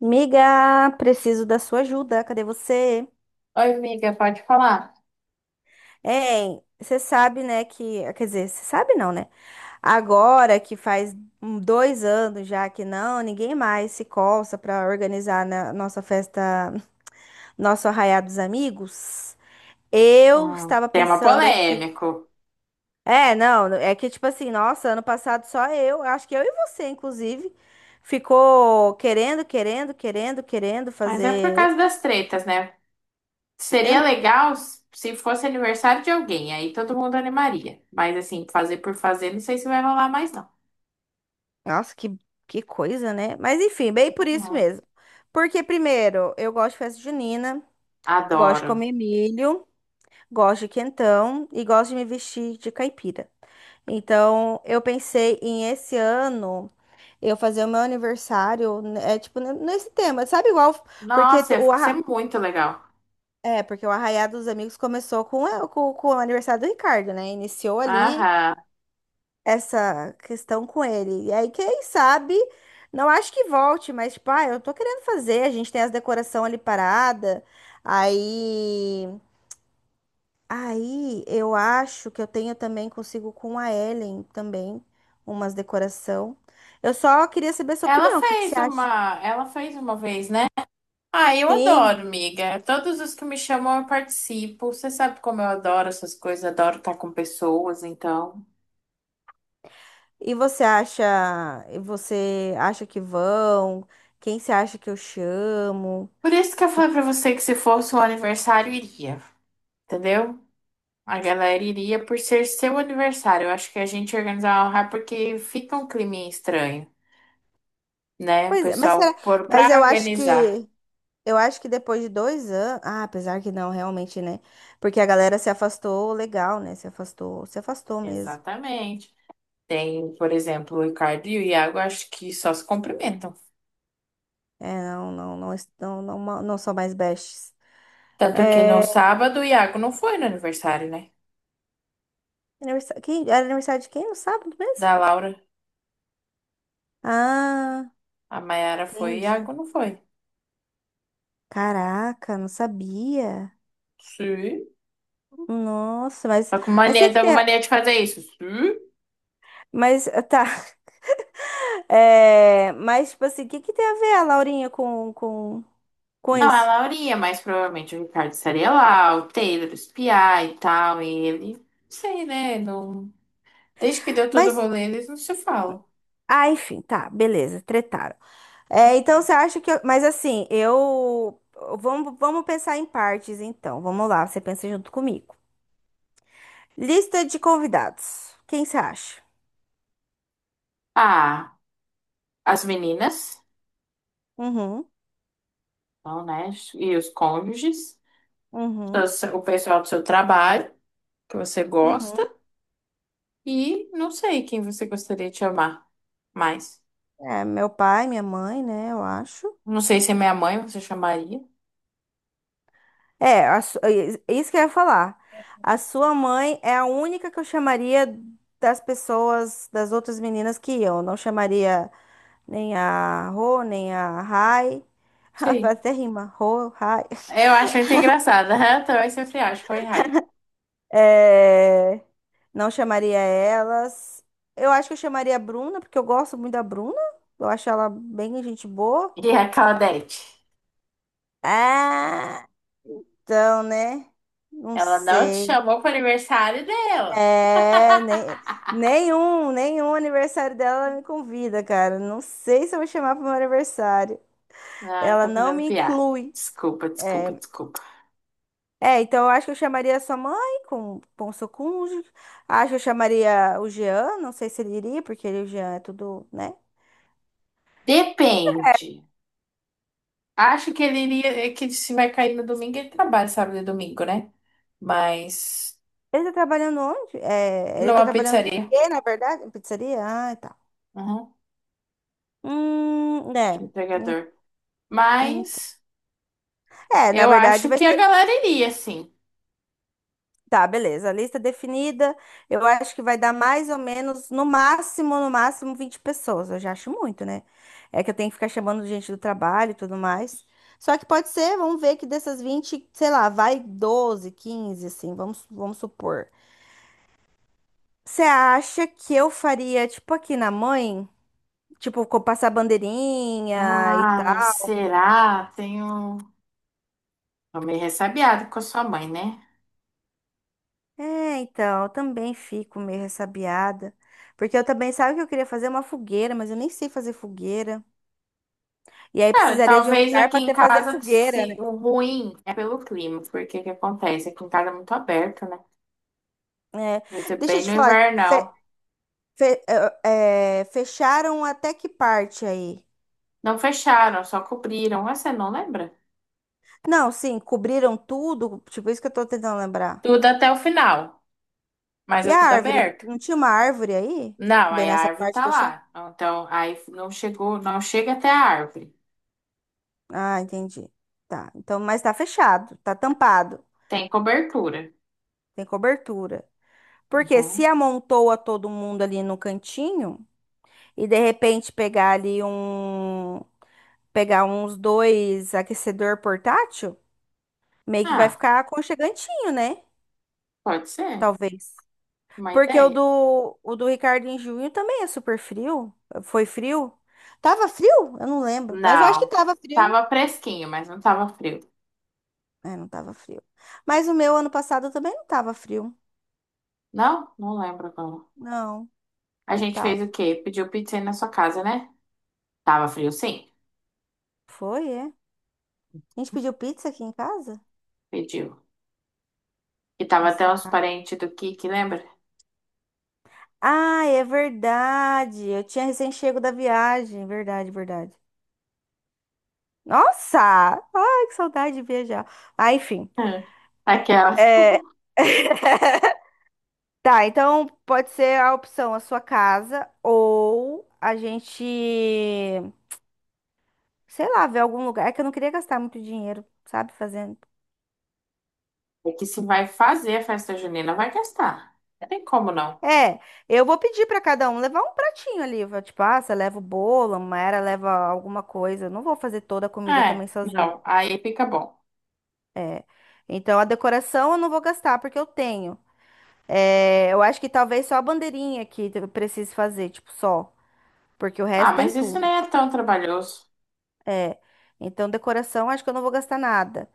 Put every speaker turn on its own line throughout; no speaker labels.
Miga, preciso da sua ajuda. Cadê você?
Oi, amiga, pode falar?
Hein, você sabe, né, que... Quer dizer, você sabe não, né? Agora que faz 2 anos já que ninguém mais se coça para organizar na nossa festa, nosso arraiá dos amigos. Eu estava
Tema
pensando aqui.
polêmico,
É, não, é que tipo assim, nossa, ano passado só eu, acho que eu e você, inclusive, ficou querendo
mas é por
fazer.
causa das tretas, né? Seria
Eu
legal se fosse aniversário de alguém, aí todo mundo animaria. Mas assim, fazer por fazer, não sei se vai rolar mais, não.
Nossa, que coisa, né? Mas enfim, bem por isso
Uhum.
mesmo. Porque, primeiro, eu gosto de festa junina, gosto de
Adoro.
comer milho, gosto de quentão e gosto de me vestir de caipira. Então, eu pensei em esse ano eu fazer o meu aniversário, né, é tipo, nesse tema, sabe igual? Porque
Nossa,
t-
ia
o arra...
ser muito legal.
É, porque o Arraiá dos Amigos começou com o aniversário do Ricardo, né? Iniciou ali
Aham.
essa questão com ele. E aí, quem sabe, não acho que volte, mas, tipo, ah, eu tô querendo fazer, a gente tem as decoração ali parada. Aí, aí, eu acho que eu tenho também consigo com a Ellen também umas decoração. Eu só queria saber a sua
Ela
opinião, o que que
fez
você acha?
uma, ela fez uma vez, né? Ah, eu adoro,
Sim.
amiga. Todos os que me chamam eu participo. Você sabe como eu adoro essas coisas, adoro estar com pessoas, então.
E você acha, e você acha que vão? Quem você acha que eu chamo?
Por isso que eu
Que...
falei pra você que se fosse um aniversário, iria. Entendeu? A galera iria por ser seu aniversário. Eu acho que a gente organizar um rap porque fica um clima estranho, né? O
Pois é, mas
pessoal,
será, mas
pra
eu acho
organizar.
que Eu acho que depois de 2 anos. Ah, apesar que não, realmente, né? Porque a galera se afastou legal, né? Se afastou, se afastou mesmo.
Exatamente. Tem, por exemplo, o Ricardo e o Iago, acho que só se cumprimentam.
É, não, não, não, não, não, não são mais bestes.
Tanto que no
É.
sábado o Iago não foi no aniversário, né?
Aniversário, quem, era aniversário de quem? No sábado mesmo?
Da Laura.
Ah,
A Maiara foi e o
entendi.
Iago não foi.
Caraca, não sabia.
Sim.
Nossa, mas o que que
Tá com
tem a,
mania de fazer isso. Sim.
mas, ah, tá, é, mas, tipo assim, o que que tem a ver a Laurinha com
Não, é
isso?
a iria, mas provavelmente o Ricardo estaria lá, o Taylor, os Piá e tal, e ele. Não sei, né? Não. Desde que deu todo o
Mas
rolê, eles não se falam.
Ah, enfim, tá, beleza, tretaram. É, então você acha que. Mas assim, eu. Vamos pensar em partes, então. Vamos lá, você pensa junto comigo. Lista de convidados. Quem você acha?
Ah, as meninas,
Uhum.
não, né? E os cônjuges,
Uhum.
o pessoal do seu trabalho, que você
Uhum.
gosta, e não sei quem você gostaria de chamar mais.
É, meu pai, minha mãe, né? Eu acho.
Não sei se é minha mãe, você chamaria?
É, é isso que eu ia falar. A sua mãe é a única que eu chamaria das pessoas, das outras meninas que iam. Eu. Não chamaria nem a Rô, nem a Rai. Rapaz,
Sei.
até rima, Rô, Rai.
Eu acho muito engraçada. Eu também sempre acho. Oi, hi.
É. Não chamaria elas. Eu acho que eu chamaria a Bruna, porque eu gosto muito da Bruna. Eu acho ela bem gente boa.
E a Claudete.
Ah, então, né? Não
Ela não te
sei.
chamou para o aniversário dela.
É, nem, nenhum, nenhum aniversário dela ela me convida, cara. Não sei se eu vou chamar pro meu aniversário.
Não,
Ela
estou
não
fazendo
me
piada.
inclui.
Desculpa, desculpa,
É,
desculpa.
É, então eu acho que eu chamaria a sua mãe com o seu cônjuge. Acho que eu chamaria o Jean, não sei se ele iria, porque ele, o Jean é tudo, né?
Depende. Acho que ele iria, é que se vai cair no domingo, ele trabalha sábado e domingo, né? Mas
Ele tá trabalhando onde? É, ele tá
numa
trabalhando com o
pizzaria,
quê, na verdade? Em pizzaria? Ah, tá.
uhum, de
É. Em-
entregador.
em-
Mas
É, na
eu
verdade
acho
vai
que a
ser.
galera iria, sim.
Tá, beleza. A lista definida, eu acho que vai dar mais ou menos, no máximo, no máximo, 20 pessoas. Eu já acho muito, né? É que eu tenho que ficar chamando gente do trabalho e tudo mais. Só que pode ser, vamos ver que dessas 20 sei lá, vai 12 15 assim, vamos supor. Você acha que eu faria, tipo, aqui na mãe? Tipo, passar bandeirinha e
Ah,
tal?
será? Tenho. Tô meio ressabiado com a sua mãe, né?
É, então, eu também fico meio ressabiada. Porque eu também, sabe o que eu queria fazer uma fogueira, mas eu nem sei fazer fogueira. E aí
É,
precisaria de um
talvez
lugar
aqui
para
em
ter fazer
casa
fogueira,
se,
né?
o ruim é pelo clima, porque o que acontece? Aqui em casa é muito aberto, né?
É,
Vai ser
deixa eu
bem
te
no
falar, fe-
invernal.
fe- fecharam até que parte aí?
Não fecharam, só cobriram. Ah, você não lembra?
Não, sim, cobriram tudo, tipo isso que eu tô tentando lembrar.
Tudo até o final, mas
E
é
a
tudo
árvore?
aberto.
Não tinha uma árvore aí?
Não,
Bem
aí a
nessa
árvore
parte
tá
fechada?
lá. Então, aí não chega até a árvore.
Ah, entendi. Tá, então, mas tá fechado, tá tampado,
Tem cobertura.
tem cobertura. Porque se
Uhum.
amontoa todo mundo ali no cantinho e de repente pegar uns dois aquecedor portátil, meio que vai
Ah,
ficar aconchegantinho, né?
pode ser.
Talvez.
Uma
Porque o
ideia.
do, o do Ricardo em junho também é super frio. Foi frio? Tava frio? Eu não lembro. Mas eu acho que
Não.
tava frio.
Tava fresquinho, mas não tava frio.
É, não tava frio. Mas o meu ano passado também não tava frio.
Não? Não lembro agora.
Não,
A
não
gente fez
tava.
o quê? Pediu pizza aí na sua casa, né? Tava frio, sim.
Foi, é. A gente pediu pizza aqui em casa?
Pediu. E tava até
Nossa,
os
cara.
parentes do Kiki, lembra?
Ah, é verdade. Eu tinha recém-chego da viagem. Verdade, verdade. Nossa! Ai, que saudade de viajar. Ah, enfim.
Hum. Aquela.
É. Tá, então pode ser a opção a sua casa ou a gente, sei lá, ver algum lugar. É que eu não queria gastar muito dinheiro, sabe, fazendo.
É que se vai fazer a festa junina, vai gastar. Não tem como não.
É, eu vou pedir pra cada um levar um pratinho ali, vai, tipo, ah, você leva o bolo, a Mayra leva alguma coisa. Eu não vou fazer toda a comida
É,
também sozinho.
não. Aí fica bom.
É. Então a decoração eu não vou gastar porque eu tenho. É, eu acho que talvez só a bandeirinha que eu precise fazer, tipo, só, porque o
Ah,
resto tem
mas isso
tudo.
nem é tão trabalhoso.
É. Então decoração acho que eu não vou gastar nada.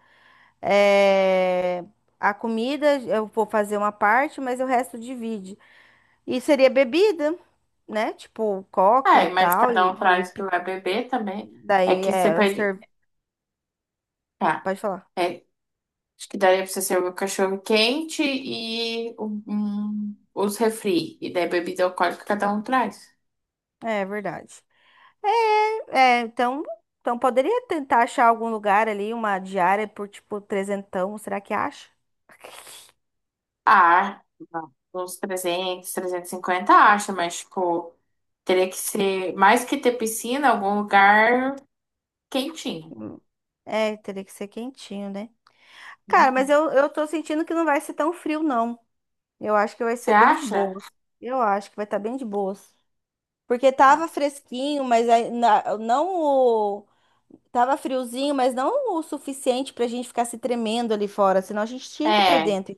É, a comida eu vou fazer uma parte, mas o resto divide. E seria bebida, né? Tipo coca e
É, mas
tal.
cada um
E,
traz o que
e
vai beber também. É
daí
que você
é.
pede. Tá.
Pode falar.
É, acho que daria pra você servir o cachorro quente e os refri. E daí bebida alcoólica cada um traz.
É verdade. É, é, então, então, poderia tentar achar algum lugar ali, uma diária por tipo trezentão. Será que acha?
Ah, uns 300, 350 acha, mas, tipo, teria que ser mais que ter piscina, algum lugar quentinho.
Hum. É, teria que ser quentinho, né? Cara, mas
Uhum.
eu tô sentindo que não vai ser tão frio, não. Eu acho que vai
Você
ser bem de
acha?
boas. Eu acho que vai estar bem de boas. Porque tava
Ah,
fresquinho, mas aí na- não o. Tava friozinho, mas não o suficiente pra gente ficar se tremendo ali fora, senão a gente tinha ido pra
é,
dentro.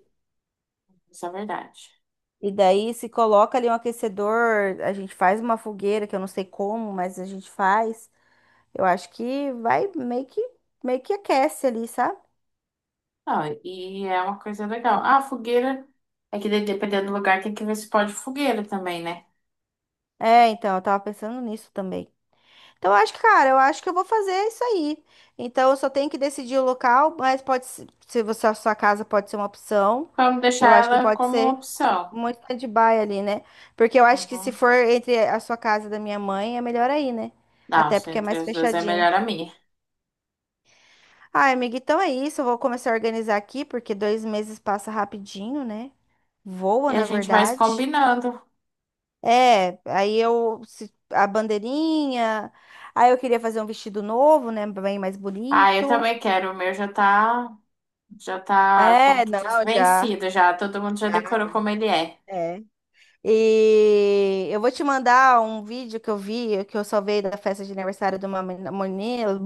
isso é verdade.
E daí se coloca ali um aquecedor, a gente faz uma fogueira, que eu não sei como, mas a gente faz. Eu acho que vai meio que aquece ali, sabe?
Não, e é uma coisa legal. Ah, fogueira. É que dependendo do lugar tem que ver se pode fogueira também, né?
É, então, eu tava pensando nisso também. Então, eu acho que, cara, eu acho que eu vou fazer isso aí. Então, eu só tenho que decidir o local, mas pode ser, se você, a sua casa pode ser uma opção.
Vamos deixar
Eu acho que
ela
pode
como
ser
opção.
um stand-by ali, né? Porque eu acho que se
Uhum.
for entre a sua casa e da minha mãe, é melhor aí, né?
Não,
Até
se
porque é
entre
mais
os dois é
fechadinho.
melhor a minha.
Ai, amiga, então é isso. Eu vou começar a organizar aqui, porque 2 meses passa rapidinho, né?
E
Voa,
a
na
gente vai se
verdade.
combinando.
É, aí eu a bandeirinha, aí eu queria fazer um vestido novo, né, bem mais
Ah, eu
bonito.
também quero. O meu já tá. Já tá, como
É,
que
não,
diz,
já,
vencido já. Todo mundo já
já,
decorou como ele é.
é. E eu vou te mandar um vídeo que eu vi, que eu salvei da festa de aniversário de uma menina,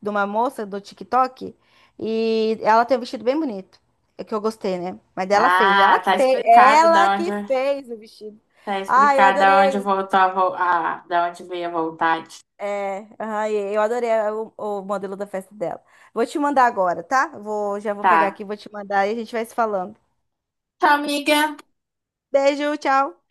de uma moça do TikTok, e ela tem um vestido bem bonito, é que eu gostei, né? Mas
Ah, tá explicado
ela
da onde
que fez o vestido.
tá
Ah, eu
explicado da onde
adorei.
voltou a, vo- a da onde veio a vontade.
É, ai, eu adorei o modelo da festa dela. Vou te mandar agora, tá? Já vou pegar
Tá.
aqui, vou te mandar e a gente vai se falando.
Tchau, amiga.
Beijo, tchau.